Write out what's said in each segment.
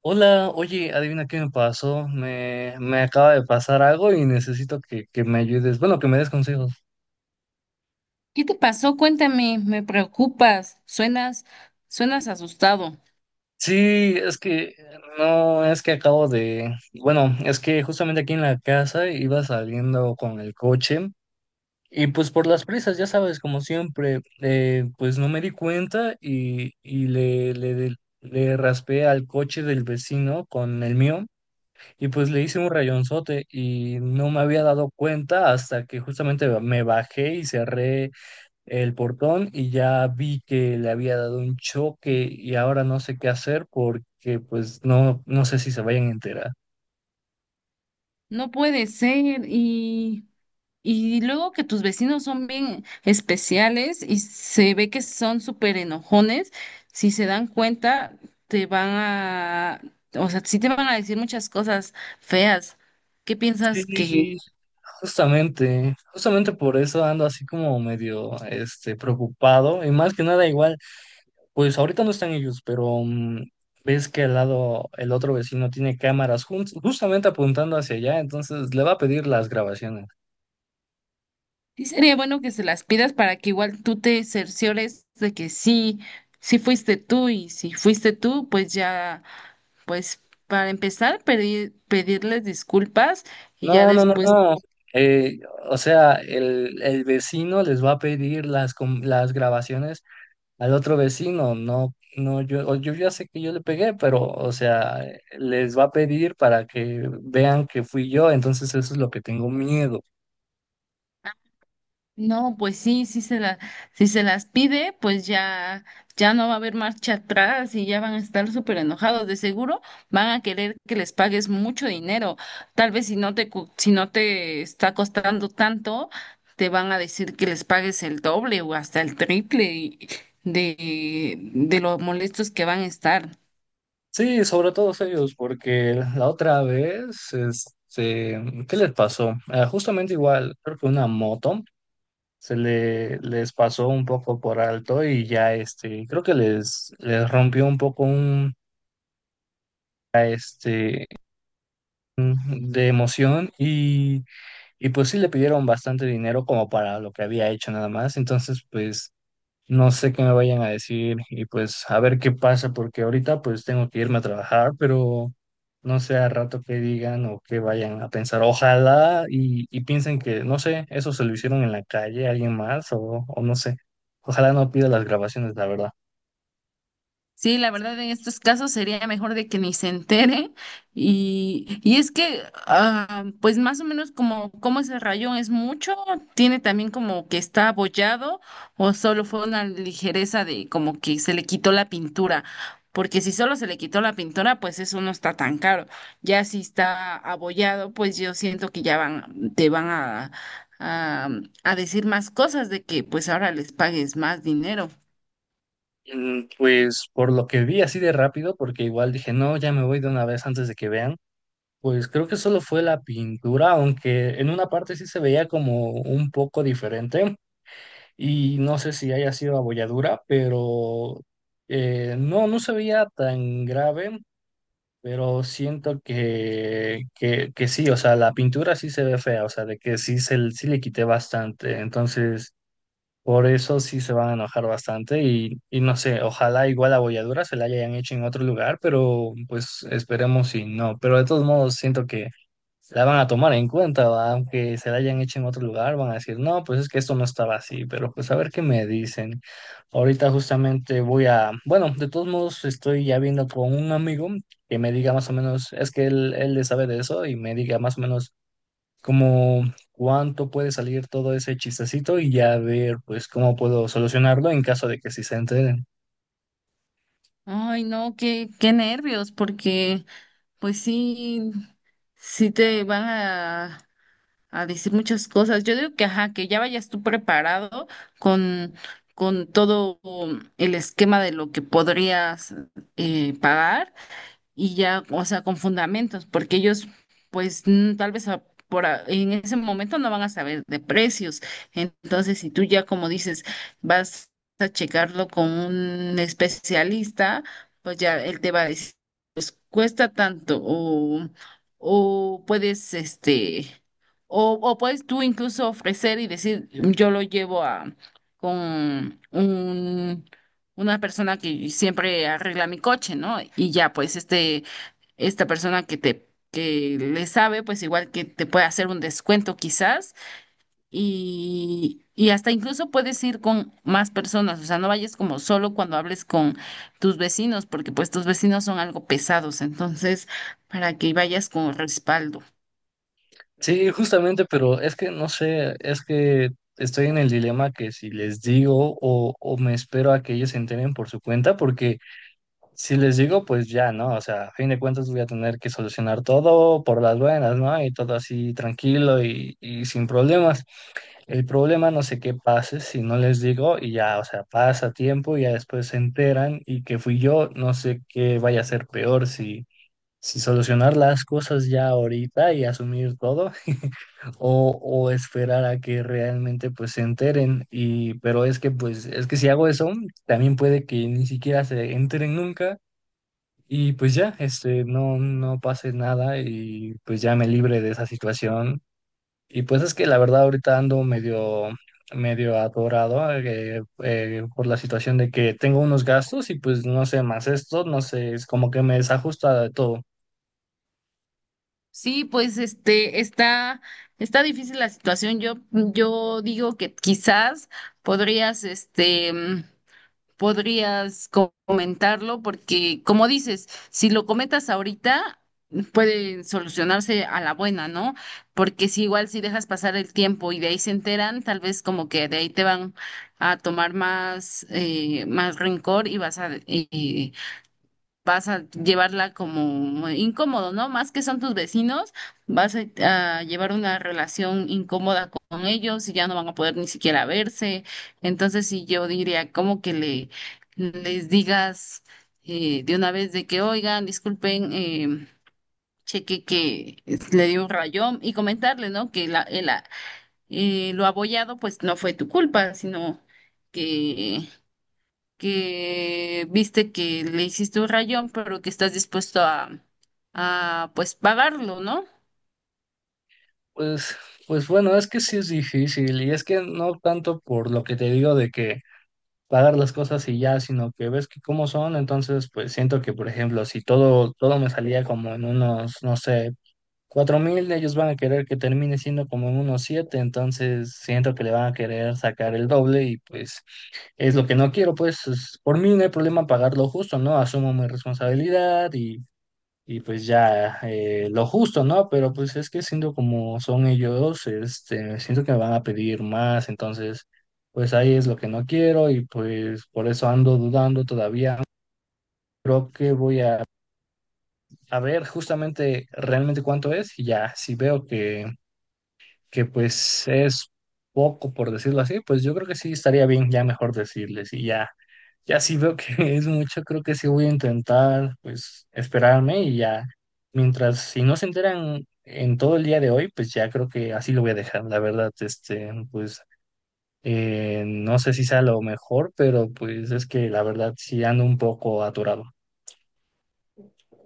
Hola, oye, adivina qué me pasó. Me acaba de pasar algo y necesito que me ayudes. Bueno, que me des consejos. ¿Qué te pasó? Cuéntame, me preocupas, suenas, suenas asustado. Sí, es que no, es que acabo de. Bueno, es que justamente aquí en la casa iba saliendo con el coche y pues por las prisas, ya sabes, como siempre, pues no me di cuenta y le raspé al coche del vecino con el mío. Y pues le hice un rayonzote y no me había dado cuenta hasta que justamente me bajé y cerré el portón y ya vi que le había dado un choque y ahora no sé qué hacer porque pues no, no sé si se vayan a enterar. No puede ser, y luego que tus vecinos son bien especiales y se ve que son súper enojones, si se dan cuenta, te van a, o sea, sí te van a decir muchas cosas feas. ¿Qué piensas que Sí, justamente por eso ando así como medio preocupado y más que nada igual. Pues ahorita no están ellos, pero ves que al lado el otro vecino tiene cámaras justamente apuntando hacia allá, entonces le va a pedir las grabaciones. Sí, sería bueno que se las pidas para que igual tú te cerciores de que sí, sí fuiste tú y si fuiste tú, pues ya, pues para empezar, pedir, pedirles disculpas y ya No, no, no, después no. eh, o sea, el vecino les va a pedir las grabaciones al otro vecino. No, no, yo, o yo ya sé que yo le pegué, pero, o sea, les va a pedir para que vean que fui yo, entonces eso es lo que tengo miedo. No, pues sí, si se las pide, pues ya, ya no va a haber marcha atrás y ya van a estar súper enojados. De seguro van a querer que les pagues mucho dinero. Tal vez si no te, cu- si no te está costando tanto, te van a decir que les pagues el doble o hasta el triple y- de lo molestos que van a estar. Sí, sobre todo ellos, porque la otra vez, ¿qué les pasó? Justamente igual, creo que una moto les pasó un poco por alto y ya, creo que les rompió un poco este, de emoción y pues sí le pidieron bastante dinero como para lo que había hecho nada más, entonces pues no sé qué me vayan a decir y pues a ver qué pasa, porque ahorita pues tengo que irme a trabajar, pero no sé a rato qué digan o qué vayan a pensar. Ojalá y piensen que, no sé, eso se lo hicieron en la calle, alguien más o no sé. Ojalá no pida las grabaciones, la verdad. Sí, la verdad en estos casos sería mejor de que ni se entere y es que pues más o menos como como ese rayón es mucho, tiene también como que está abollado o solo fue una ligereza de como que se le quitó la pintura, porque si solo se le quitó la pintura pues eso no está tan caro, ya si está abollado pues yo siento que ya van te van a a decir más cosas de que pues ahora les pagues más dinero. Pues por lo que vi así de rápido, porque igual dije, no, ya me voy de una vez antes de que vean, pues creo que solo fue la pintura, aunque en una parte sí se veía como un poco diferente. Y no sé si haya sido abolladura, pero no, no se veía tan grave, pero siento que sí, o sea, la pintura sí se ve fea, o sea, de que sí, se, sí le quité bastante, entonces por eso sí se van a enojar bastante y no sé, ojalá igual la abolladura se la hayan hecho en otro lugar, pero pues esperemos si no, pero de todos modos siento que la van a tomar en cuenta, ¿va? Aunque se la hayan hecho en otro lugar, van a decir, no, pues es que esto no estaba así, pero pues a ver qué me dicen. Ahorita justamente voy a, bueno, de todos modos estoy ya viendo con un amigo que me diga más o menos, es que él le sabe de eso y me diga más o menos como cuánto puede salir todo ese chistecito y ya ver pues cómo puedo solucionarlo en caso de que sí se entere. Ay, no, qué, qué nervios, porque pues sí, sí te van a decir muchas cosas. Yo digo que, ajá, que ya vayas tú preparado con, con todo el esquema de lo que podrías pagar y ya, o sea, con fundamentos, porque ellos, pues, tal vez a- por, a- en ese momento no van a saber de precios. Entonces, si tú ya, como dices, vas a checarlo con un especialista, pues ya él te va a decir, cuesta tanto o puedes, este, o puedes tú incluso ofrecer y decir, yo lo llevo a, con un... una persona que siempre arregla mi coche, ¿no? Y ya, pues este, esta persona que te que le sabe, pues igual que te puede hacer un descuento quizás y hasta incluso puedes ir con más personas, o sea, no vayas como solo cuando hables con tus vecinos, porque pues tus vecinos son algo pesados, entonces para que vayas con respaldo. Sí, justamente, pero es que no sé, es que estoy en el dilema que si les digo o me espero a que ellos se enteren por su cuenta, porque si les digo, pues ya, ¿no? O sea, a fin de cuentas voy a tener que solucionar todo por las buenas, ¿no? Y todo así tranquilo y sin problemas. El problema no sé qué pase si no les digo y ya, o sea, pasa tiempo y ya después se enteran y que fui yo, no sé qué vaya a ser peor si si solucionar las cosas ya ahorita y asumir todo o esperar a que realmente pues se enteren y pero es que pues es que si hago eso también puede que ni siquiera se enteren nunca y pues ya no pase nada y pues ya me libre de esa situación y pues es que la verdad ahorita ando medio atorado por la situación de que tengo unos gastos y pues no sé más esto no sé es como que me desajusta de todo. Sí, pues este está está difícil la situación. Yo digo que quizás podrías este podrías co- comentarlo porque, como dices, si lo comentas ahorita, pueden solucionarse a la buena, ¿no? Porque si igual si dejas pasar el tiempo y de ahí se enteran, tal vez como que de ahí te van a tomar más, más rencor y vas a, vas a llevarla como incómodo, ¿no? Más que son tus vecinos, vas a llevar una relación incómoda con ellos y ya no van a poder ni siquiera verse. Entonces, sí, yo diría como que le, les digas de una vez de que, oigan, disculpen, cheque que es- le dio un rayón y comentarle, ¿no? Que la, el a- lo abollado, pues no fue tu culpa, sino... que que viste que le hiciste un rayón, pero que estás dispuesto a pues pagarlo, ¿no? Pues, pues bueno, es que sí es difícil y es que no tanto por lo que te digo de que pagar las cosas y ya, sino que ves que cómo son, entonces pues siento que, por ejemplo, si todo me salía como en unos, no sé, 4,000, ellos van a querer que termine siendo como en unos siete, entonces siento que le van a querer sacar el doble y pues es lo que no quiero, pues es- por mí no hay problema pagarlo justo, ¿no? Asumo mi responsabilidad y pues ya lo justo, ¿no? Pero pues es que siendo como son ellos, siento que me van a pedir más, entonces pues ahí es lo que no quiero y pues por eso ando dudando todavía. Creo que voy a ver justamente realmente cuánto es y ya, si veo que pues es poco por decirlo así, pues yo creo que sí estaría bien ya mejor decirles y ya, ya sí veo que es mucho, creo que sí voy a intentar pues esperarme y ya, mientras si no se enteran en todo el día de hoy, pues ya creo que así lo voy a dejar, la verdad, pues no sé si sea lo mejor, pero pues es que la verdad sí ando un poco aturado.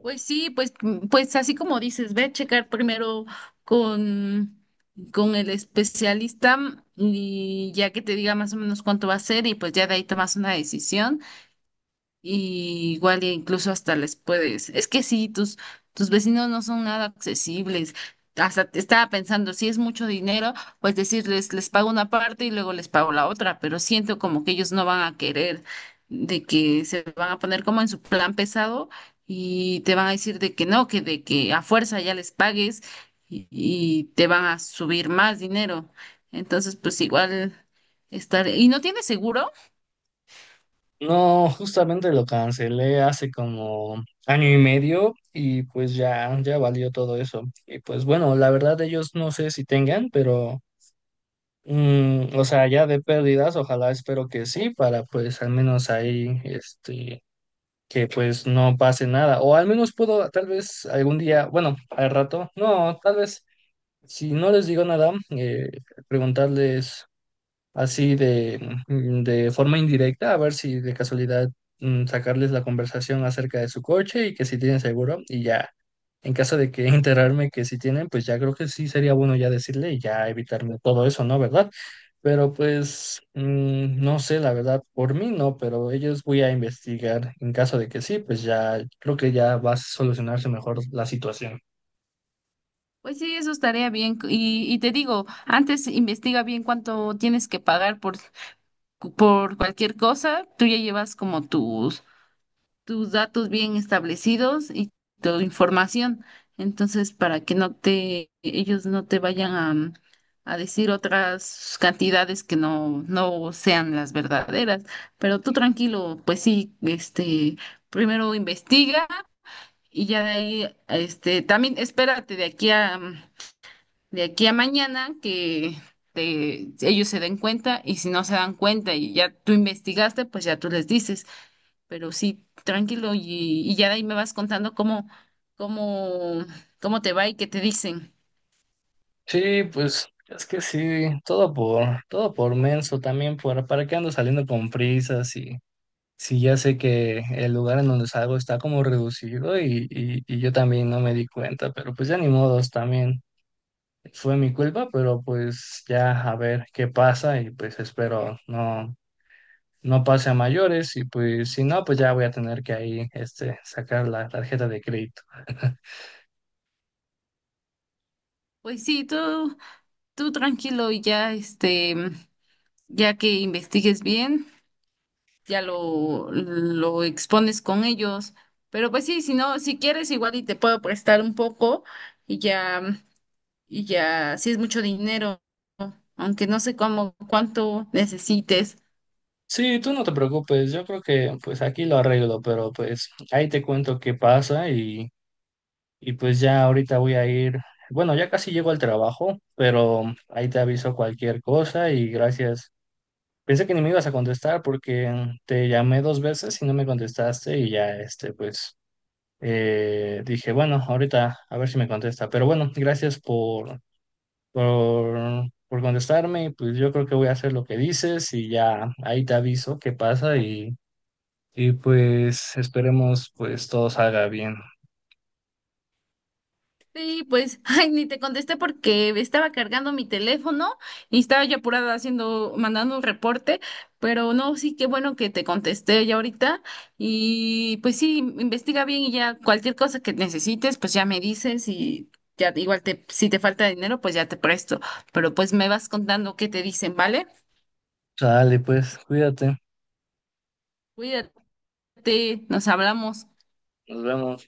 Pues sí, pues, pues así como dices, ve a checar primero con, con el especialista y ya que te diga más o menos cuánto va a ser y pues ya de ahí tomas una decisión. Y igual e incluso hasta les puedes. Es que sí, tus, tus vecinos no son nada accesibles. Hasta te estaba pensando, si es mucho dinero, pues decirles, les pago una parte y luego les pago la otra, pero siento como que ellos no van a querer, de que se van a poner como en su plan pesado y te van a decir de que no, que de que a fuerza ya les pagues y te van a subir más dinero. Entonces, pues igual estar. ¿Y no tienes seguro? No, justamente lo cancelé hace como año y medio y pues ya, ya valió todo eso. Y pues bueno, la verdad ellos no sé si tengan, pero o sea, ya de pérdidas, ojalá espero que sí, para pues al menos ahí, que pues no pase nada. O al menos puedo tal vez algún día, bueno, al rato, no, tal vez si no les digo nada, preguntarles así de, de forma indirecta, a ver si de casualidad sacarles la conversación acerca de su coche y que si tienen seguro y ya, en caso de que enterarme que si tienen, pues ya creo que sí sería bueno ya decirle y ya evitarme todo eso, ¿no? ¿Verdad? Pero pues no sé, la verdad, por mí no, pero ellos voy a investigar. En caso de que sí, pues ya creo que ya va a solucionarse mejor la situación. Pues sí, eso estaría bien. Y te digo, antes investiga bien cuánto tienes que pagar por cualquier cosa. Tú ya llevas como tus, tus datos bien establecidos y tu información. Entonces, para que no te, ellos no te vayan a, a decir otras cantidades que no, no sean las verdaderas. Pero tú tranquilo, pues sí, este, primero investiga y ya de ahí, este, también espérate de aquí a de aquí a mañana que te- ellos se den cuenta y si no se dan cuenta y ya tú investigaste, pues ya tú les dices, pero sí, tranquilo y ya de ahí me vas contando cómo, cómo, cómo te va y qué te dicen. Sí, pues es que sí, todo por menso también, por, ¿para qué ando saliendo con prisas? Y si ya sé que el lugar en donde salgo está como reducido y yo también no me di cuenta, pero pues ya ni modos también. Fue mi culpa, pero pues ya a ver qué pasa y pues espero no, no pase a mayores y pues si no, pues ya voy a tener que ahí sacar la tarjeta de crédito. Pues sí, tú tranquilo y ya este, ya que investigues bien, ya lo expones con ellos. Pero pues sí, si no, si quieres igual y te puedo prestar un poco y ya. Y ya, sí es mucho dinero, aunque no sé cómo, cuánto necesites. Sí, tú no te preocupes, yo creo que pues aquí lo arreglo, pero pues ahí te cuento qué pasa y pues ya ahorita voy a ir, bueno, ya casi llego al trabajo, pero ahí te aviso cualquier cosa y gracias. Pensé que ni me ibas a contestar porque te llamé dos veces y no me contestaste y ya pues dije, bueno, ahorita a ver si me contesta, pero bueno, gracias por contestarme y pues yo creo que voy a hacer lo que dices y ya ahí te aviso qué pasa y... Y pues esperemos pues todo salga bien. Sí, pues, ay, ni te contesté porque estaba cargando mi teléfono y estaba yo apurada haciendo, mandando un reporte, pero no, sí, qué bueno que te contesté ya ahorita y pues sí, investiga bien y ya cualquier cosa que necesites, pues ya me dices y ya igual te, si te falta dinero, pues ya te presto, pero pues me vas contando qué te dicen, ¿vale? Sale pues, cuídate. Cuídate, nos hablamos. Nos vemos.